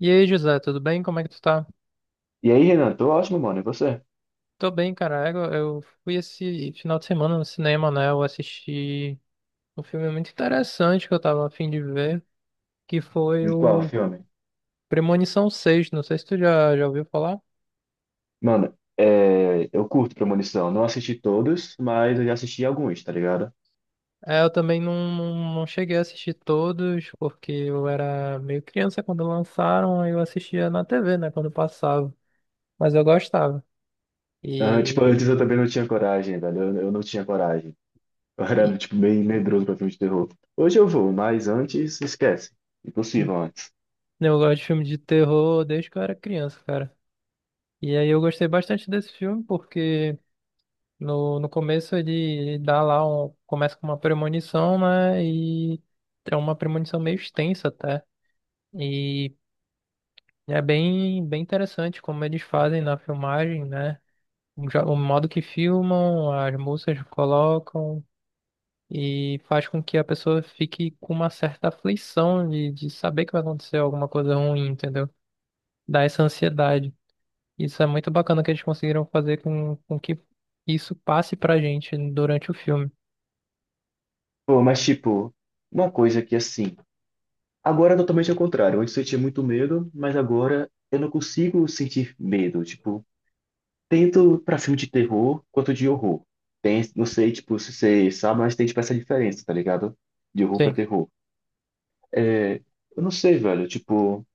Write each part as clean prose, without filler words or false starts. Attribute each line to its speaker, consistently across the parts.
Speaker 1: E aí, José, tudo bem? Como é que tu tá?
Speaker 2: E aí, Renan, tô ótimo, mano. E você?
Speaker 1: Tô bem, cara. Eu fui esse final de semana no cinema, né? Eu assisti um filme muito interessante que eu tava a fim de ver, que foi
Speaker 2: Em qual
Speaker 1: o
Speaker 2: filme?
Speaker 1: Premonição Seis. Não sei se tu já ouviu falar.
Speaker 2: Mano, é, eu curto Premonição. Não assisti todos, mas eu já assisti alguns, tá ligado?
Speaker 1: É, eu também não cheguei a assistir todos, porque eu era meio criança quando lançaram, aí eu assistia na TV, né? Quando passava. Mas eu gostava.
Speaker 2: Ah, tipo,
Speaker 1: E,
Speaker 2: antes eu também não tinha coragem, velho. Eu não tinha coragem. Eu
Speaker 1: e
Speaker 2: era, tipo, bem medroso pra filme de terror. Hoje eu vou, mas antes, esquece. Impossível antes.
Speaker 1: eu gosto de filme de terror desde que eu era criança, cara. E aí eu gostei bastante desse filme porque no começo ele dá lá um, começa com uma premonição, né? E é uma premonição meio extensa até. E é bem interessante como eles fazem na filmagem, né? O modo que filmam, as músicas que colocam, e faz com que a pessoa fique com uma certa aflição de saber que vai acontecer alguma coisa ruim, entendeu? Dá essa ansiedade. Isso é muito bacana que eles conseguiram fazer com que isso passe pra gente durante o filme.
Speaker 2: Pô, mas tipo, uma coisa que assim. Agora é totalmente ao contrário. Antes eu tinha muito medo, mas agora eu não consigo sentir medo. Tipo, tanto pra filme de terror quanto de horror. Tem, não sei, tipo, se você sabe, mas tem, tipo, essa diferença, tá ligado? De horror pra
Speaker 1: Sim.
Speaker 2: terror. É, eu não sei, velho, tipo,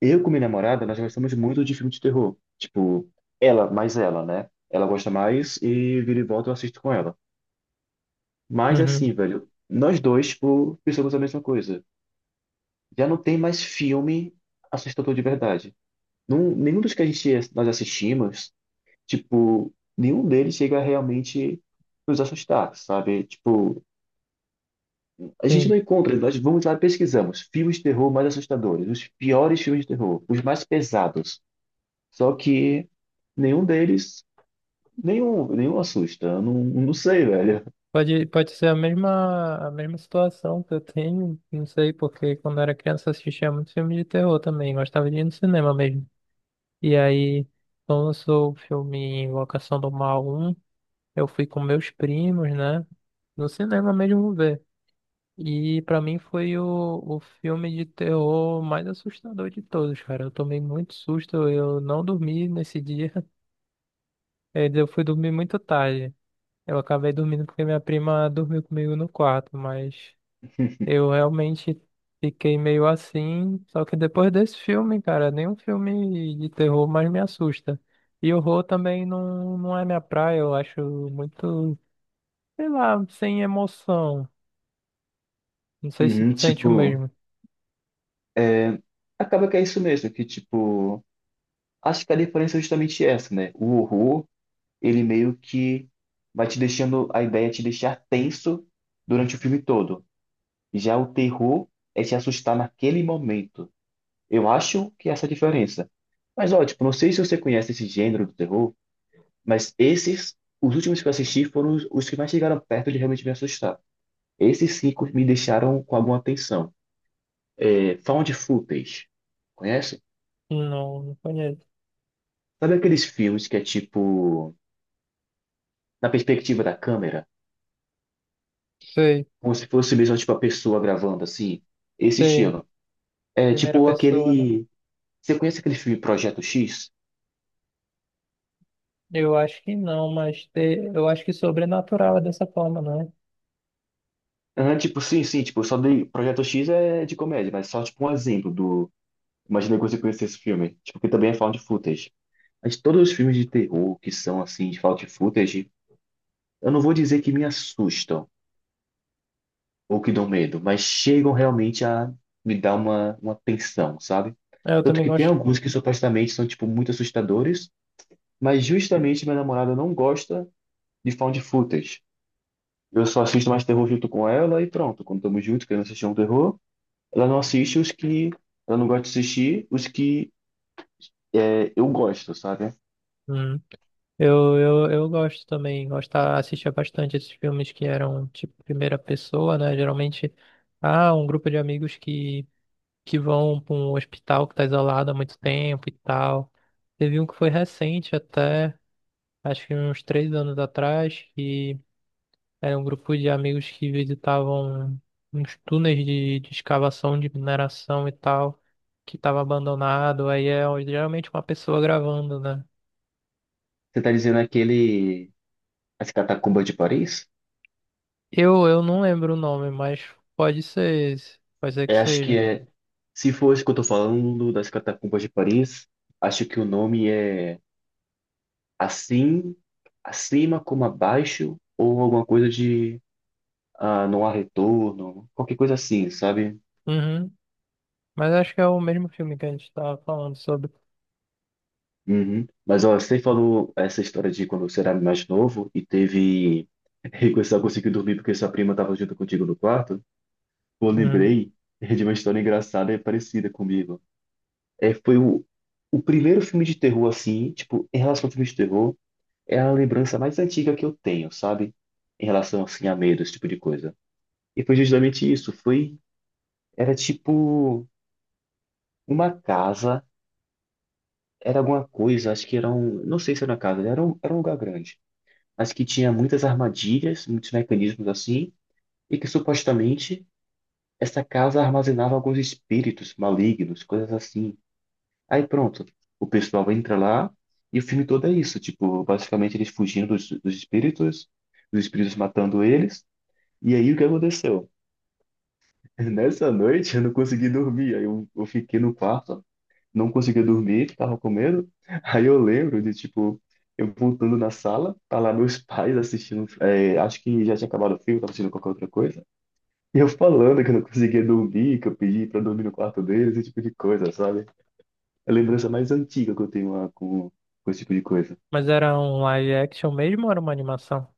Speaker 2: eu com minha namorada, nós gostamos muito de filme de terror. Tipo, ela, mais ela, né? Ela gosta mais e vira e volta eu assisto com ela. Mas,
Speaker 1: Uhum.
Speaker 2: assim, velho, nós dois, tipo, pensamos a mesma coisa. Já não tem mais filme assustador de verdade. Num, nenhum dos que a gente, nós assistimos tipo, nenhum deles chega realmente nos assustar, sabe? Tipo, a gente
Speaker 1: Sim,
Speaker 2: não encontra, nós vamos lá e pesquisamos filmes de terror mais assustadores, os piores filmes de terror, os mais pesados. Só que nenhum deles, nenhum, nenhum assusta. Eu Não sei, velho.
Speaker 1: pode ser a mesma situação que eu tenho, não sei, porque quando eu era criança eu assistia muito filme de terror também, gostava de ir no cinema mesmo. E aí, quando lançou o filme Invocação do Mal um eu fui com meus primos, né, no cinema mesmo ver. E pra mim foi o filme de terror mais assustador de todos, cara. Eu tomei muito susto, eu não dormi nesse dia, eu fui dormir muito tarde. Eu acabei dormindo porque minha prima dormiu comigo no quarto, mas eu realmente fiquei meio assim. Só que depois desse filme, cara, nenhum filme de terror mais me assusta. E horror também não, não é minha praia, eu acho muito, sei lá, sem emoção. Não sei se
Speaker 2: Uhum,
Speaker 1: tu sente o
Speaker 2: tipo,
Speaker 1: mesmo.
Speaker 2: é, acaba que é isso mesmo, que tipo, acho que a diferença é justamente essa, né? O horror, ele meio que vai te deixando, a ideia é te deixar tenso durante o filme todo. Já o terror é te assustar naquele momento. Eu acho que essa é a diferença. Mas, ó, tipo, não sei se você conhece esse gênero do terror, mas esses, os últimos que eu assisti foram os que mais chegaram perto de realmente me assustar. Esses 5 me deixaram com alguma atenção. É, found footage, conhece?
Speaker 1: Não, não conheço.
Speaker 2: Sabe aqueles filmes que é tipo, na perspectiva da câmera,
Speaker 1: Sei,
Speaker 2: como se fosse mesmo tipo a pessoa gravando assim? Esse
Speaker 1: sei.
Speaker 2: estilo. É
Speaker 1: Primeira
Speaker 2: tipo
Speaker 1: pessoa, né?
Speaker 2: aquele. Você conhece aquele filme Projeto X?
Speaker 1: Eu acho que não, mas eu acho que sobrenatural é dessa forma, não é?
Speaker 2: Ah, tipo, sim, sim, tipo, só dei. Projeto X é de comédia, mas só tipo um exemplo do. Imagina que você conhecesse esse filme. Tipo, que também é found footage. Mas todos os filmes de terror que são assim, de found footage, eu não vou dizer que me assustam ou que dão medo, mas chegam realmente a me dar uma tensão, sabe?
Speaker 1: É, eu
Speaker 2: Tanto
Speaker 1: também
Speaker 2: que tem
Speaker 1: gosto.
Speaker 2: alguns que supostamente são, tipo, muito assustadores, mas justamente minha namorada não gosta de found footage. Eu só assisto mais terror junto com ela e pronto. Quando estamos juntos, querendo assistir um terror. Ela não assiste os que ela não gosta de assistir, os que é, eu gosto, sabe?
Speaker 1: Eu gosto também, gostava, assistia bastante esses filmes que eram tipo primeira pessoa, né? Geralmente há um grupo de amigos que vão para um hospital que está isolado há muito tempo e tal. Teve um que foi recente até, acho que uns 3 anos atrás, que era um grupo de amigos que visitavam uns túneis de escavação de mineração e tal, que estava abandonado. Aí é geralmente uma pessoa gravando, né?
Speaker 2: Você tá dizendo aquele. As Catacumbas de Paris?
Speaker 1: Eu não lembro o nome, mas pode ser esse. Pode ser que
Speaker 2: É, acho que
Speaker 1: seja.
Speaker 2: é. Se for isso que eu tô falando das Catacumbas de Paris, acho que o nome é Assim, Acima como Abaixo, ou alguma coisa de. Ah, não há retorno, qualquer coisa assim, sabe?
Speaker 1: Uhum. Mas acho que é o mesmo filme que a gente estava falando sobre.
Speaker 2: Uhum. Mas ó, você falou essa história de quando você era mais novo e teve. E você só conseguiu dormir porque sua prima tava junto contigo no quarto. Eu
Speaker 1: Uhum.
Speaker 2: lembrei é de uma história engraçada e parecida comigo. É, foi o primeiro filme de terror, assim, tipo, em relação ao filme de terror, é a lembrança mais antiga que eu tenho, sabe? Em relação, assim, a medo, esse tipo de coisa. E foi justamente isso, foi, era tipo uma casa, era alguma coisa, acho que era um, não sei se era uma casa, era um lugar grande, mas que tinha muitas armadilhas, muitos mecanismos assim, e que supostamente essa casa armazenava alguns espíritos malignos, coisas assim. Aí pronto, o pessoal entra lá e o filme todo é isso, tipo, basicamente eles fugindo dos, dos espíritos, os espíritos matando eles. E aí o que aconteceu? Nessa noite eu não consegui dormir, aí eu fiquei no quarto, não conseguia dormir, tava com medo. Aí eu lembro de, tipo, eu voltando na sala, tá lá meus pais assistindo, é, acho que já tinha acabado o filme, tava assistindo qualquer outra coisa. E eu falando que eu não conseguia dormir, que eu pedi pra dormir no quarto deles, esse tipo de coisa, sabe? É a lembrança mais antiga que eu tenho lá com esse tipo de coisa.
Speaker 1: Mas era um live action mesmo ou era uma animação?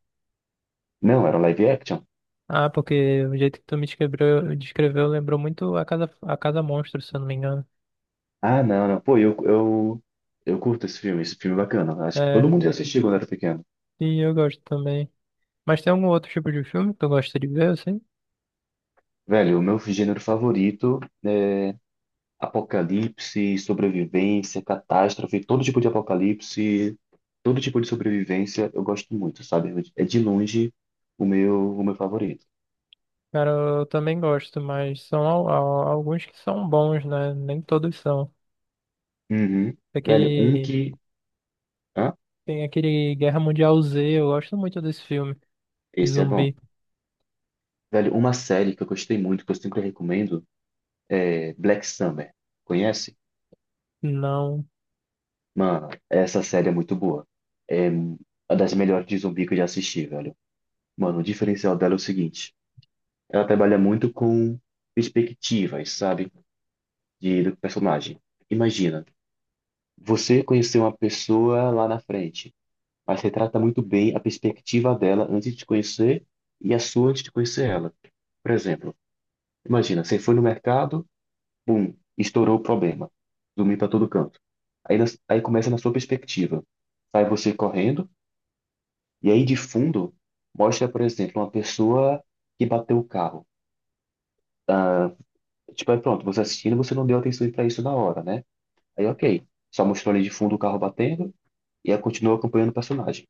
Speaker 2: Não, era live action?
Speaker 1: Ah, porque o jeito que tu me descreveu lembrou muito a Casa Monstro, se eu não me engano.
Speaker 2: Ah, não, não. Pô, eu curto esse filme é bacana. Acho que todo
Speaker 1: É,
Speaker 2: mundo já assistiu quando era pequeno.
Speaker 1: e eu gosto também. Mas tem algum outro tipo de filme que tu gosta de ver, assim?
Speaker 2: Velho, o meu gênero favorito, apocalipse, sobrevivência, catástrofe, todo tipo de apocalipse, todo tipo de sobrevivência, eu gosto muito, sabe? É de longe o meu favorito.
Speaker 1: Cara, eu também gosto, mas são alguns que são bons, né? Nem todos são.
Speaker 2: Uhum. Velho, um
Speaker 1: Aquele.
Speaker 2: que. Hã?
Speaker 1: Tem aquele Guerra Mundial Z, eu gosto muito desse filme de
Speaker 2: Esse é bom.
Speaker 1: zumbi.
Speaker 2: Velho, uma série que eu gostei muito, que eu sempre recomendo. É Black Summer, conhece?
Speaker 1: Não.
Speaker 2: Mano, essa série é muito boa. É uma das melhores de zumbi que eu já assisti, velho. Mano, o diferencial dela é o seguinte: ela trabalha muito com perspectivas, sabe? De, do personagem. Imagina, você conheceu uma pessoa lá na frente, mas retrata muito bem a perspectiva dela antes de te conhecer e a sua antes de conhecer ela. Por exemplo, imagina, você foi no mercado. Bum, estourou o problema. Zumbi para todo canto. Aí, nas- aí começa na sua perspectiva. Sai você correndo, e aí de fundo mostra, por exemplo, uma pessoa que bateu o carro. Tipo, aí pronto, você assistindo, você não deu atenção para isso na hora, né? Aí ok, só mostrou ali de fundo o carro batendo, e aí continua acompanhando o personagem.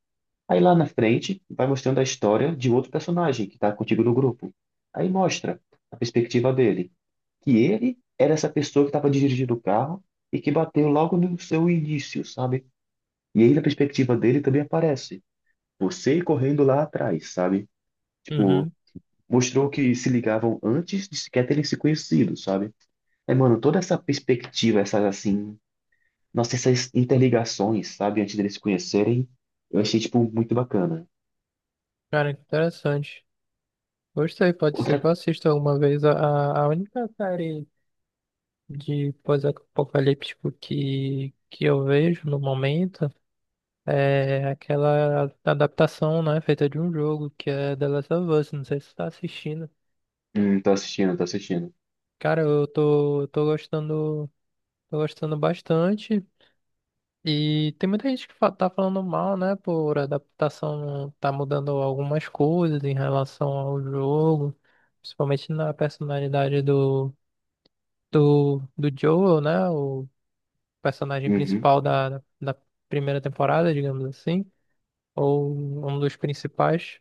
Speaker 2: Aí lá na frente, vai mostrando a história de outro personagem que tá contigo no grupo. Aí mostra a perspectiva dele, que ele era essa pessoa que estava dirigindo o carro e que bateu logo no seu início, sabe? E aí, na perspectiva dele, também aparece você correndo lá atrás, sabe? Tipo,
Speaker 1: Uhum.
Speaker 2: mostrou que se ligavam antes de sequer terem se conhecido, sabe? É, mano, toda essa perspectiva, essas assim, nossa, essas interligações, sabe? Antes deles se conhecerem, eu achei, tipo, muito bacana.
Speaker 1: Cara, interessante. Gostei, pode ser
Speaker 2: Outra.
Speaker 1: que eu assista alguma vez. A única série de pós-apocalíptico que eu vejo no momento é aquela adaptação, né, feita de um jogo, que é The Last of Us. Não sei se você tá assistindo.
Speaker 2: Tô assistindo, tô assistindo.
Speaker 1: Cara, eu tô gostando, tô gostando bastante. E tem muita gente que tá falando mal, né? Por adaptação, tá mudando algumas coisas em relação ao jogo, principalmente na personalidade do Joel, né? O personagem
Speaker 2: Uhum.
Speaker 1: principal da primeira temporada, digamos assim, ou um dos principais.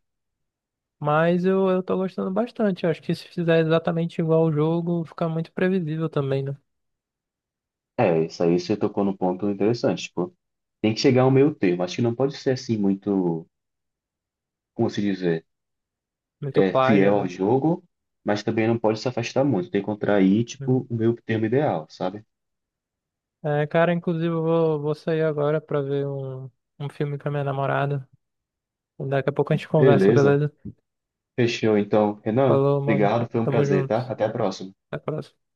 Speaker 1: Mas eu tô gostando bastante. Eu acho que se fizer exatamente igual ao jogo, fica muito previsível também, né?
Speaker 2: É, isso aí você tocou num ponto interessante, tipo, tem que chegar ao meio termo. Acho que não pode ser assim muito como se dizer,
Speaker 1: Muito
Speaker 2: é, é fiel ao
Speaker 1: plágio,
Speaker 2: jogo, mas também não pode se afastar muito. Tem que encontrar aí,
Speaker 1: né?
Speaker 2: tipo, o meio termo ideal, sabe?
Speaker 1: É, cara, inclusive eu vou sair agora pra ver um filme com a minha namorada. Daqui a pouco a gente conversa,
Speaker 2: Beleza.
Speaker 1: beleza?
Speaker 2: Fechou, então. Renan,
Speaker 1: Falou, mano.
Speaker 2: obrigado, foi um
Speaker 1: Tamo
Speaker 2: prazer,
Speaker 1: junto.
Speaker 2: tá? Até a próxima.
Speaker 1: Até a próxima.